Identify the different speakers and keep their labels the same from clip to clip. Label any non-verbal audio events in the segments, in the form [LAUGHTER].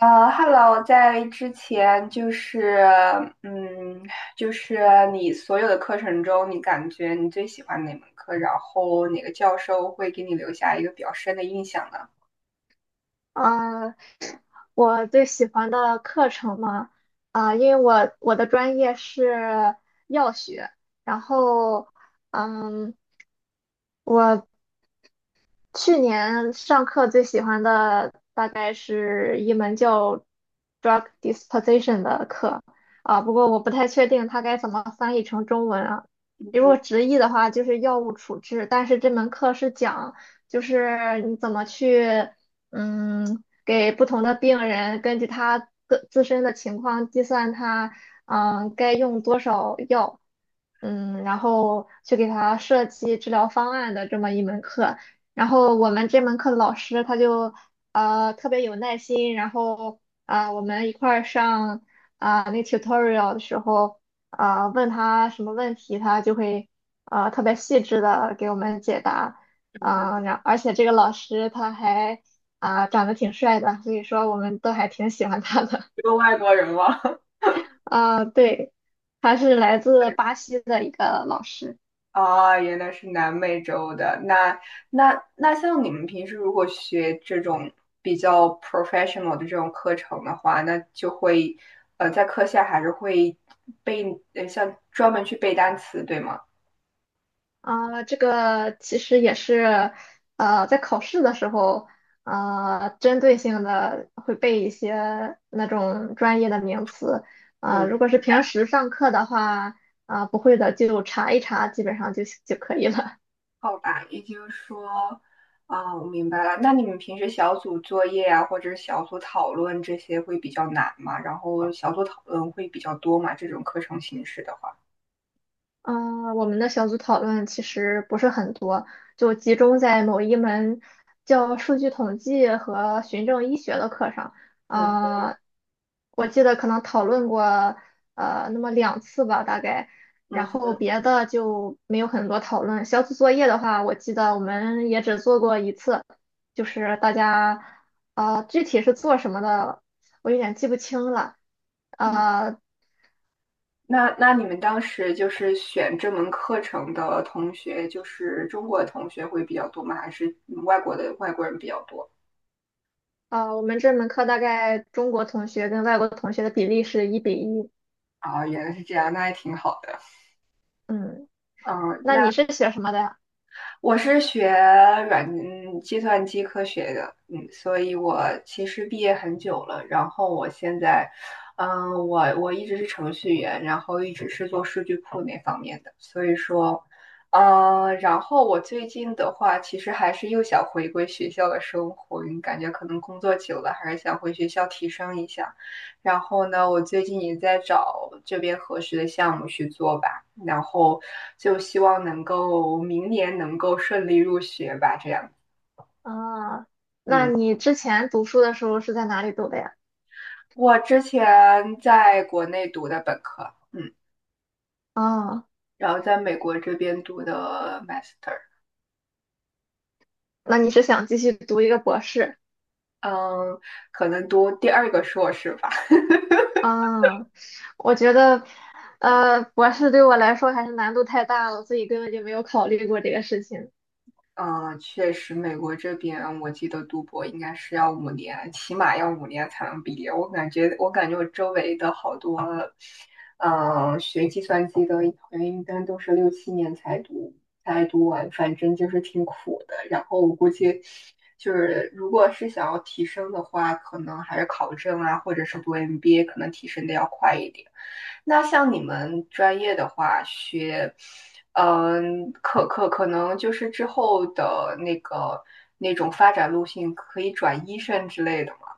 Speaker 1: Hello，在之前嗯，就是你所有的课程中，你感觉你最喜欢哪门课？然后哪个教授会给你留下一个比较深的印象呢？
Speaker 2: 呃，我最喜欢的课程嘛，因为我的专业是药学。然后，嗯，我。去年上课最喜欢的大概是一门叫 drug disposition 的课啊，不过我不太确定它该怎么翻译成中文啊。
Speaker 1: [LAUGHS]
Speaker 2: 如
Speaker 1: 嗯
Speaker 2: 果直译的话，就是药物处置，但是这门课是讲就是你怎么去给不同的病人根据他的自身的情况计算他该用多少药。然后去给他设计治疗方案的这么一门课。我们这门课的老师他就特别有耐心，然后我们一块儿上那 tutorial 的时候问他什么问题，他就会特别细致的给我们解答。
Speaker 1: 哼，
Speaker 2: 然而且这个老师他还长得挺帅的，所以说我们都还挺喜欢他的。
Speaker 1: 一个外国人吗？[LAUGHS]
Speaker 2: [LAUGHS] 对，他是来自巴西的一个老师。
Speaker 1: 啊，原来是南美洲的。那像你们平时如果学这种比较 professional 的这种课程的话，那就会在课下还是会像专门去背单词，对吗？
Speaker 2: 这个其实也是，在考试的时候，针对性的会背一些那种专业的名词。
Speaker 1: 嗯。
Speaker 2: 如果是平时上课的话，不会的就查一查，基本上就可以了。
Speaker 1: 好吧，也就是说，啊，我明白了。那你们平时小组作业啊，或者是小组讨论这些会比较难吗？然后小组讨论会比较多吗？这种课程形式的话，
Speaker 2: 我们的小组讨论其实不是很多，就集中在某一门叫数据统计和循证医学的课上。
Speaker 1: 嗯
Speaker 2: 呃，我记得可能讨论过那么2次吧，大概。然
Speaker 1: 嗯
Speaker 2: 后别的就没有很多讨论。小组作业的话，我记得我们也只做过一次，就是大家具体是做什么的，我有点记不清了。
Speaker 1: 嗯。
Speaker 2: 呃，
Speaker 1: 那你们当时就是选这门课程的同学，就是中国的同学会比较多吗？还是外国人比较多？
Speaker 2: 我们这门课大概中国同学跟外国同学的比例是1:1。
Speaker 1: 啊，原来是这样，那还挺好的。
Speaker 2: 嗯，
Speaker 1: 嗯，
Speaker 2: 那
Speaker 1: 那
Speaker 2: 你是学什么的呀？
Speaker 1: 我是学计算机科学的，嗯，所以我其实毕业很久了。然后我现在，嗯，我一直是程序员，然后一直是做数据库那方面的。所以说，嗯，然后我最近的话，其实还是又想回归学校的生活，因为感觉可能工作久了，还是想回学校提升一下。然后呢，我最近也在找这边合适的项目去做吧，然后就希望能够明年能够顺利入学吧，这样。
Speaker 2: 啊，那
Speaker 1: 嗯，
Speaker 2: 你之前读书的时候是在哪里读的呀？
Speaker 1: 我之前在国内读的本科，嗯，
Speaker 2: 啊，
Speaker 1: 然后在美国这边读的 master，
Speaker 2: 那你是想继续读一个博士？
Speaker 1: 嗯，可能读第二个硕士吧。
Speaker 2: 啊，我觉得，博士对我来说还是难度太大了，所以根本就没有考虑过这个事情。
Speaker 1: 嗯，确实，美国这边我记得读博应该是要五年，起码要五年才能毕业。我感觉我周围的好多，学计算机的，好像一般都是六七年才读完，反正就是挺苦的。然后我估计就是，如果是想要提升的话，可能还是考证啊，或者是读 MBA，可能提升的要快一点。那像你们专业的话，学，嗯，可能就是之后的那种发展路线可以转医生之类的嘛。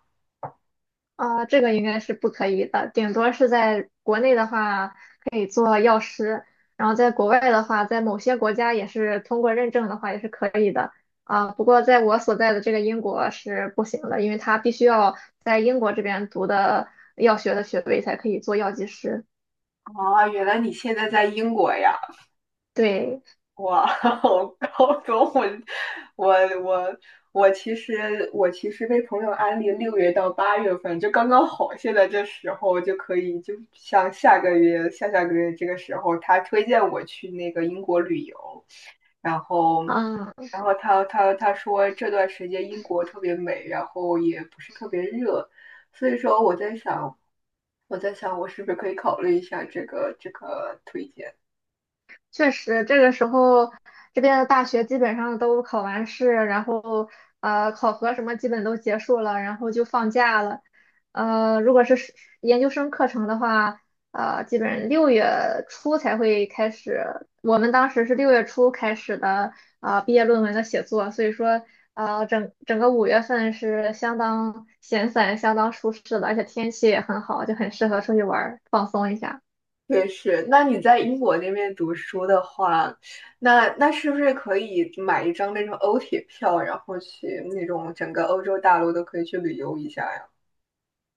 Speaker 2: 啊，这个应该是不可以的，顶多是在国内的话可以做药师，然后在国外的话，在某些国家也是通过认证的话也是可以的。啊，不过在我所在的这个英国是不行的，因为他必须要在英国这边读的药学的学位才可以做药剂师。
Speaker 1: 啊，原来你现在在英国呀？
Speaker 2: 对，
Speaker 1: 哇，[LAUGHS] 我高中我我我我其实被朋友安利6月到8月份就刚刚好，现在这时候就可以，就像下个月下下个月这个时候，他推荐我去那个英国旅游，然后
Speaker 2: 啊
Speaker 1: 他说这段时间英国特别美，然后也不是特别热，所以说我在想我是不是可以考虑一下这个推荐。
Speaker 2: 确实，这个时候这边的大学基本上都考完试，然后考核什么基本都结束了，然后就放假了。如果是研究生课程的话，基本六月初才会开始。我们当时是六月初开始的毕业论文的写作，所以说整整个5月份是相当闲散、相当舒适的，而且天气也很好，就很适合出去玩儿放松一下。
Speaker 1: 也是，那你在英国那边读书的话，那是不是可以买一张那种欧铁票，然后去那种整个欧洲大陆都可以去旅游一下呀？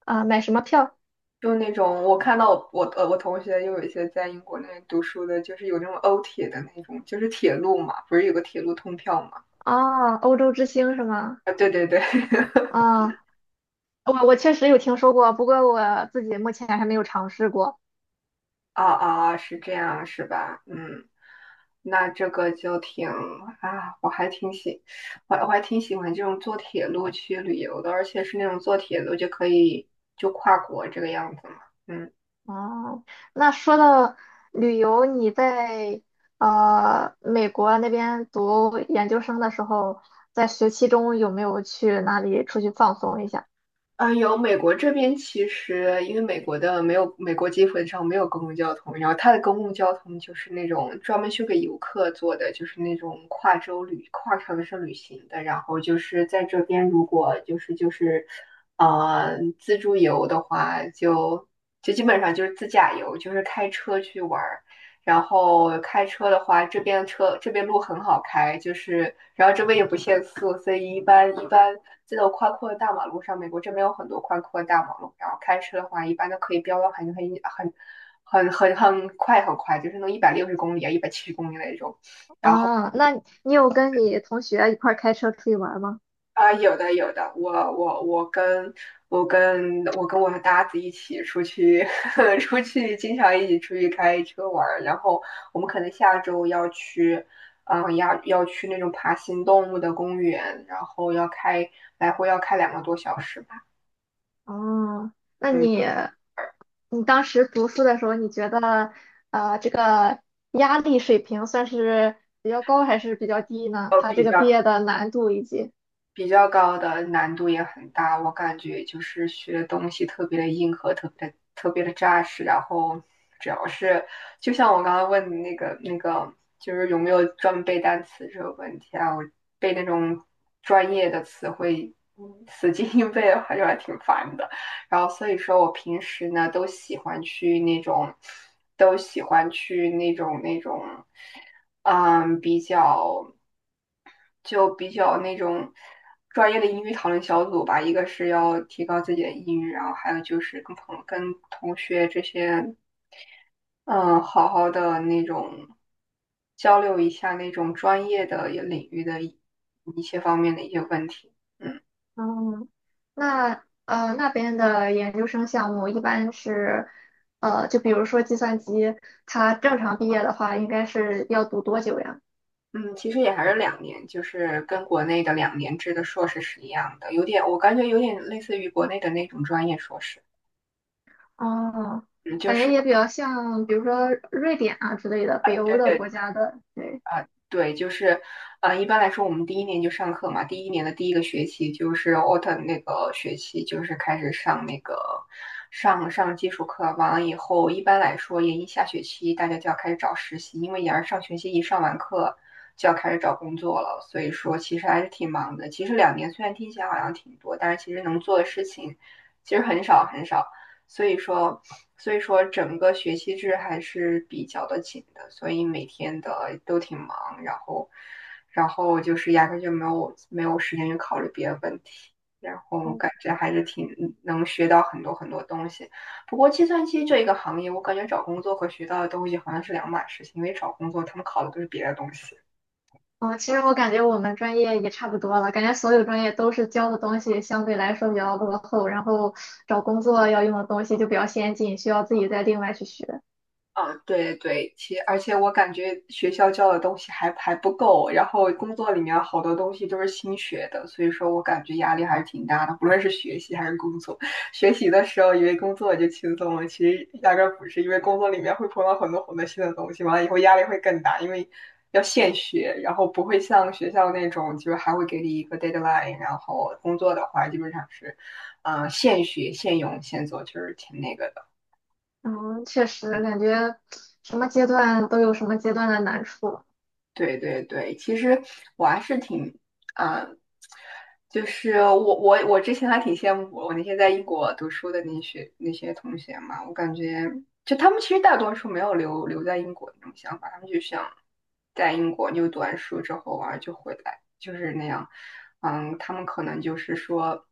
Speaker 2: 买什么票？
Speaker 1: 就那种我看到我同学又有一些在英国那边读书的，就是有那种欧铁的那种，就是铁路嘛，不是有个铁路通票嘛？
Speaker 2: 哦，欧洲之星是吗？
Speaker 1: 啊，对对对，[LAUGHS]
Speaker 2: 啊、我确实有听说过，不过我自己目前还没有尝试过。
Speaker 1: 哦哦，是这样是吧？嗯，那这个就挺啊，我还挺喜，我我还挺喜欢这种坐铁路去旅游的，而且是那种坐铁路就可以跨国这个样子嘛。嗯。
Speaker 2: 哦，那说到旅游，你在美国那边读研究生的时候，在学期中有没有去哪里出去放松一下？
Speaker 1: 啊，有美国这边其实因为美国基本上没有公共交通，然后它的公共交通就是那种专门修给游客做的，就是那种跨城市旅行的。然后就是在这边，如果就是自助游的话就基本上就是自驾游，就是开车去玩。然后开车的话，这边路很好开，就是然后这边也不限速，所以一般这种宽阔的大马路上，美国这边有很多宽阔的大马路，然后开车的话，一般都可以飙到很快，就是能160公里啊，170公里那种。
Speaker 2: 那你有跟你同学一块儿开车出去玩儿吗？
Speaker 1: 啊、有的有的，我跟我的搭子一起出去，[LAUGHS] 出去经常一起出去开车玩儿，然后我们可能下周要去，要去那种爬行动物的公园，然后来回要开2个多小时吧，
Speaker 2: 哦，那
Speaker 1: 嗯，
Speaker 2: 你当时读书的时候，你觉得这个压力水平算是比较高还是比较低呢？它
Speaker 1: 比
Speaker 2: 这个
Speaker 1: 较。
Speaker 2: 毕业的难度以及。
Speaker 1: 比较高的难度也很大，我感觉就是学的东西特别的硬核，特别的扎实。然后主要是，就像我刚刚问你那个，就是有没有专门背单词这个问题啊？我背那种专业的词汇，嗯 [LAUGHS] 死记硬背的话就还挺烦的。然后所以说我平时呢都喜欢去那种，都喜欢去那种那种，嗯，就比较那种专业的英语讨论小组吧，一个是要提高自己的英语，然后还有就是跟同学这些，嗯，好好的那种交流一下那种专业的领域的一些方面的一些问题。嗯
Speaker 2: 嗯，那那边的研究生项目一般是就比如说计算机，它正常毕业的话应该是要读多久呀？
Speaker 1: 嗯，其实也还是两年，就是跟国内的2年制的硕士是一样的，有点我感觉有点类似于国内的那种专业硕士。
Speaker 2: 哦，
Speaker 1: 嗯，就
Speaker 2: 感觉
Speaker 1: 是
Speaker 2: 也比较像比如说瑞典啊之类的北
Speaker 1: 对
Speaker 2: 欧的
Speaker 1: 对
Speaker 2: 国家的，对。
Speaker 1: 对，就是，一般来说，我们第一年就上课嘛，第一年的第一个学期就是 autumn 那个学期，就是开始上上基础课，完了以后，一般来说，研一下学期大家就要开始找实习，因为研二上学期一上完课就要开始找工作了，所以说其实还是挺忙的。其实两年虽然听起来好像挺多，但是其实能做的事情其实很少很少。所以说，所以说整个学期制还是比较的紧的，所以每天的都挺忙，然后，就是压根就没有时间去考虑别的问题，然后感觉还是挺能学到很多很多东西。不过计算机这一个行业，我感觉找工作和学到的东西好像是两码事情，因为找工作他们考的都是别的东西。
Speaker 2: 哦，其实我感觉我们专业也差不多了，感觉所有专业都是教的东西相对来说比较落后，然后找工作要用的东西就比较先进，需要自己再另外去学。
Speaker 1: 啊，对对，而且我感觉学校教的东西还不够，然后工作里面好多东西都是新学的，所以说我感觉压力还是挺大的，不论是学习还是工作。学习的时候以为工作就轻松了，其实压根儿不是，因为工作里面会碰到很多很多新的东西，完了以后压力会更大，因为要现学，然后不会像学校那种就是还会给你一个 deadline，然后工作的话基本上是，现学现用现做，就是挺那个的。
Speaker 2: 嗯，确实感觉什么阶段都有什么阶段的难处。
Speaker 1: 对对对，其实我还是啊、就是我之前还挺羡慕我那些在英国读书的那些同学嘛，我感觉就他们其实大多数没有留在英国那种想法，他们就想在英国就读完书之后啊就回来，就是那样。嗯，他们可能就是说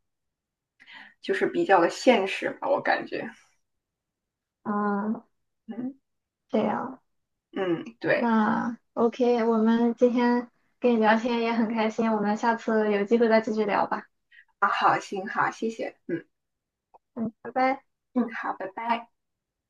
Speaker 1: 就是比较的现实吧，我感觉。
Speaker 2: 嗯，
Speaker 1: 嗯
Speaker 2: 这样。
Speaker 1: 嗯，对
Speaker 2: 那 OK，我们今天跟你聊天也很开心，我们下次有机会再继续聊吧。
Speaker 1: 啊，好，行好，谢谢。嗯
Speaker 2: 嗯，拜拜。
Speaker 1: 嗯，好，拜拜。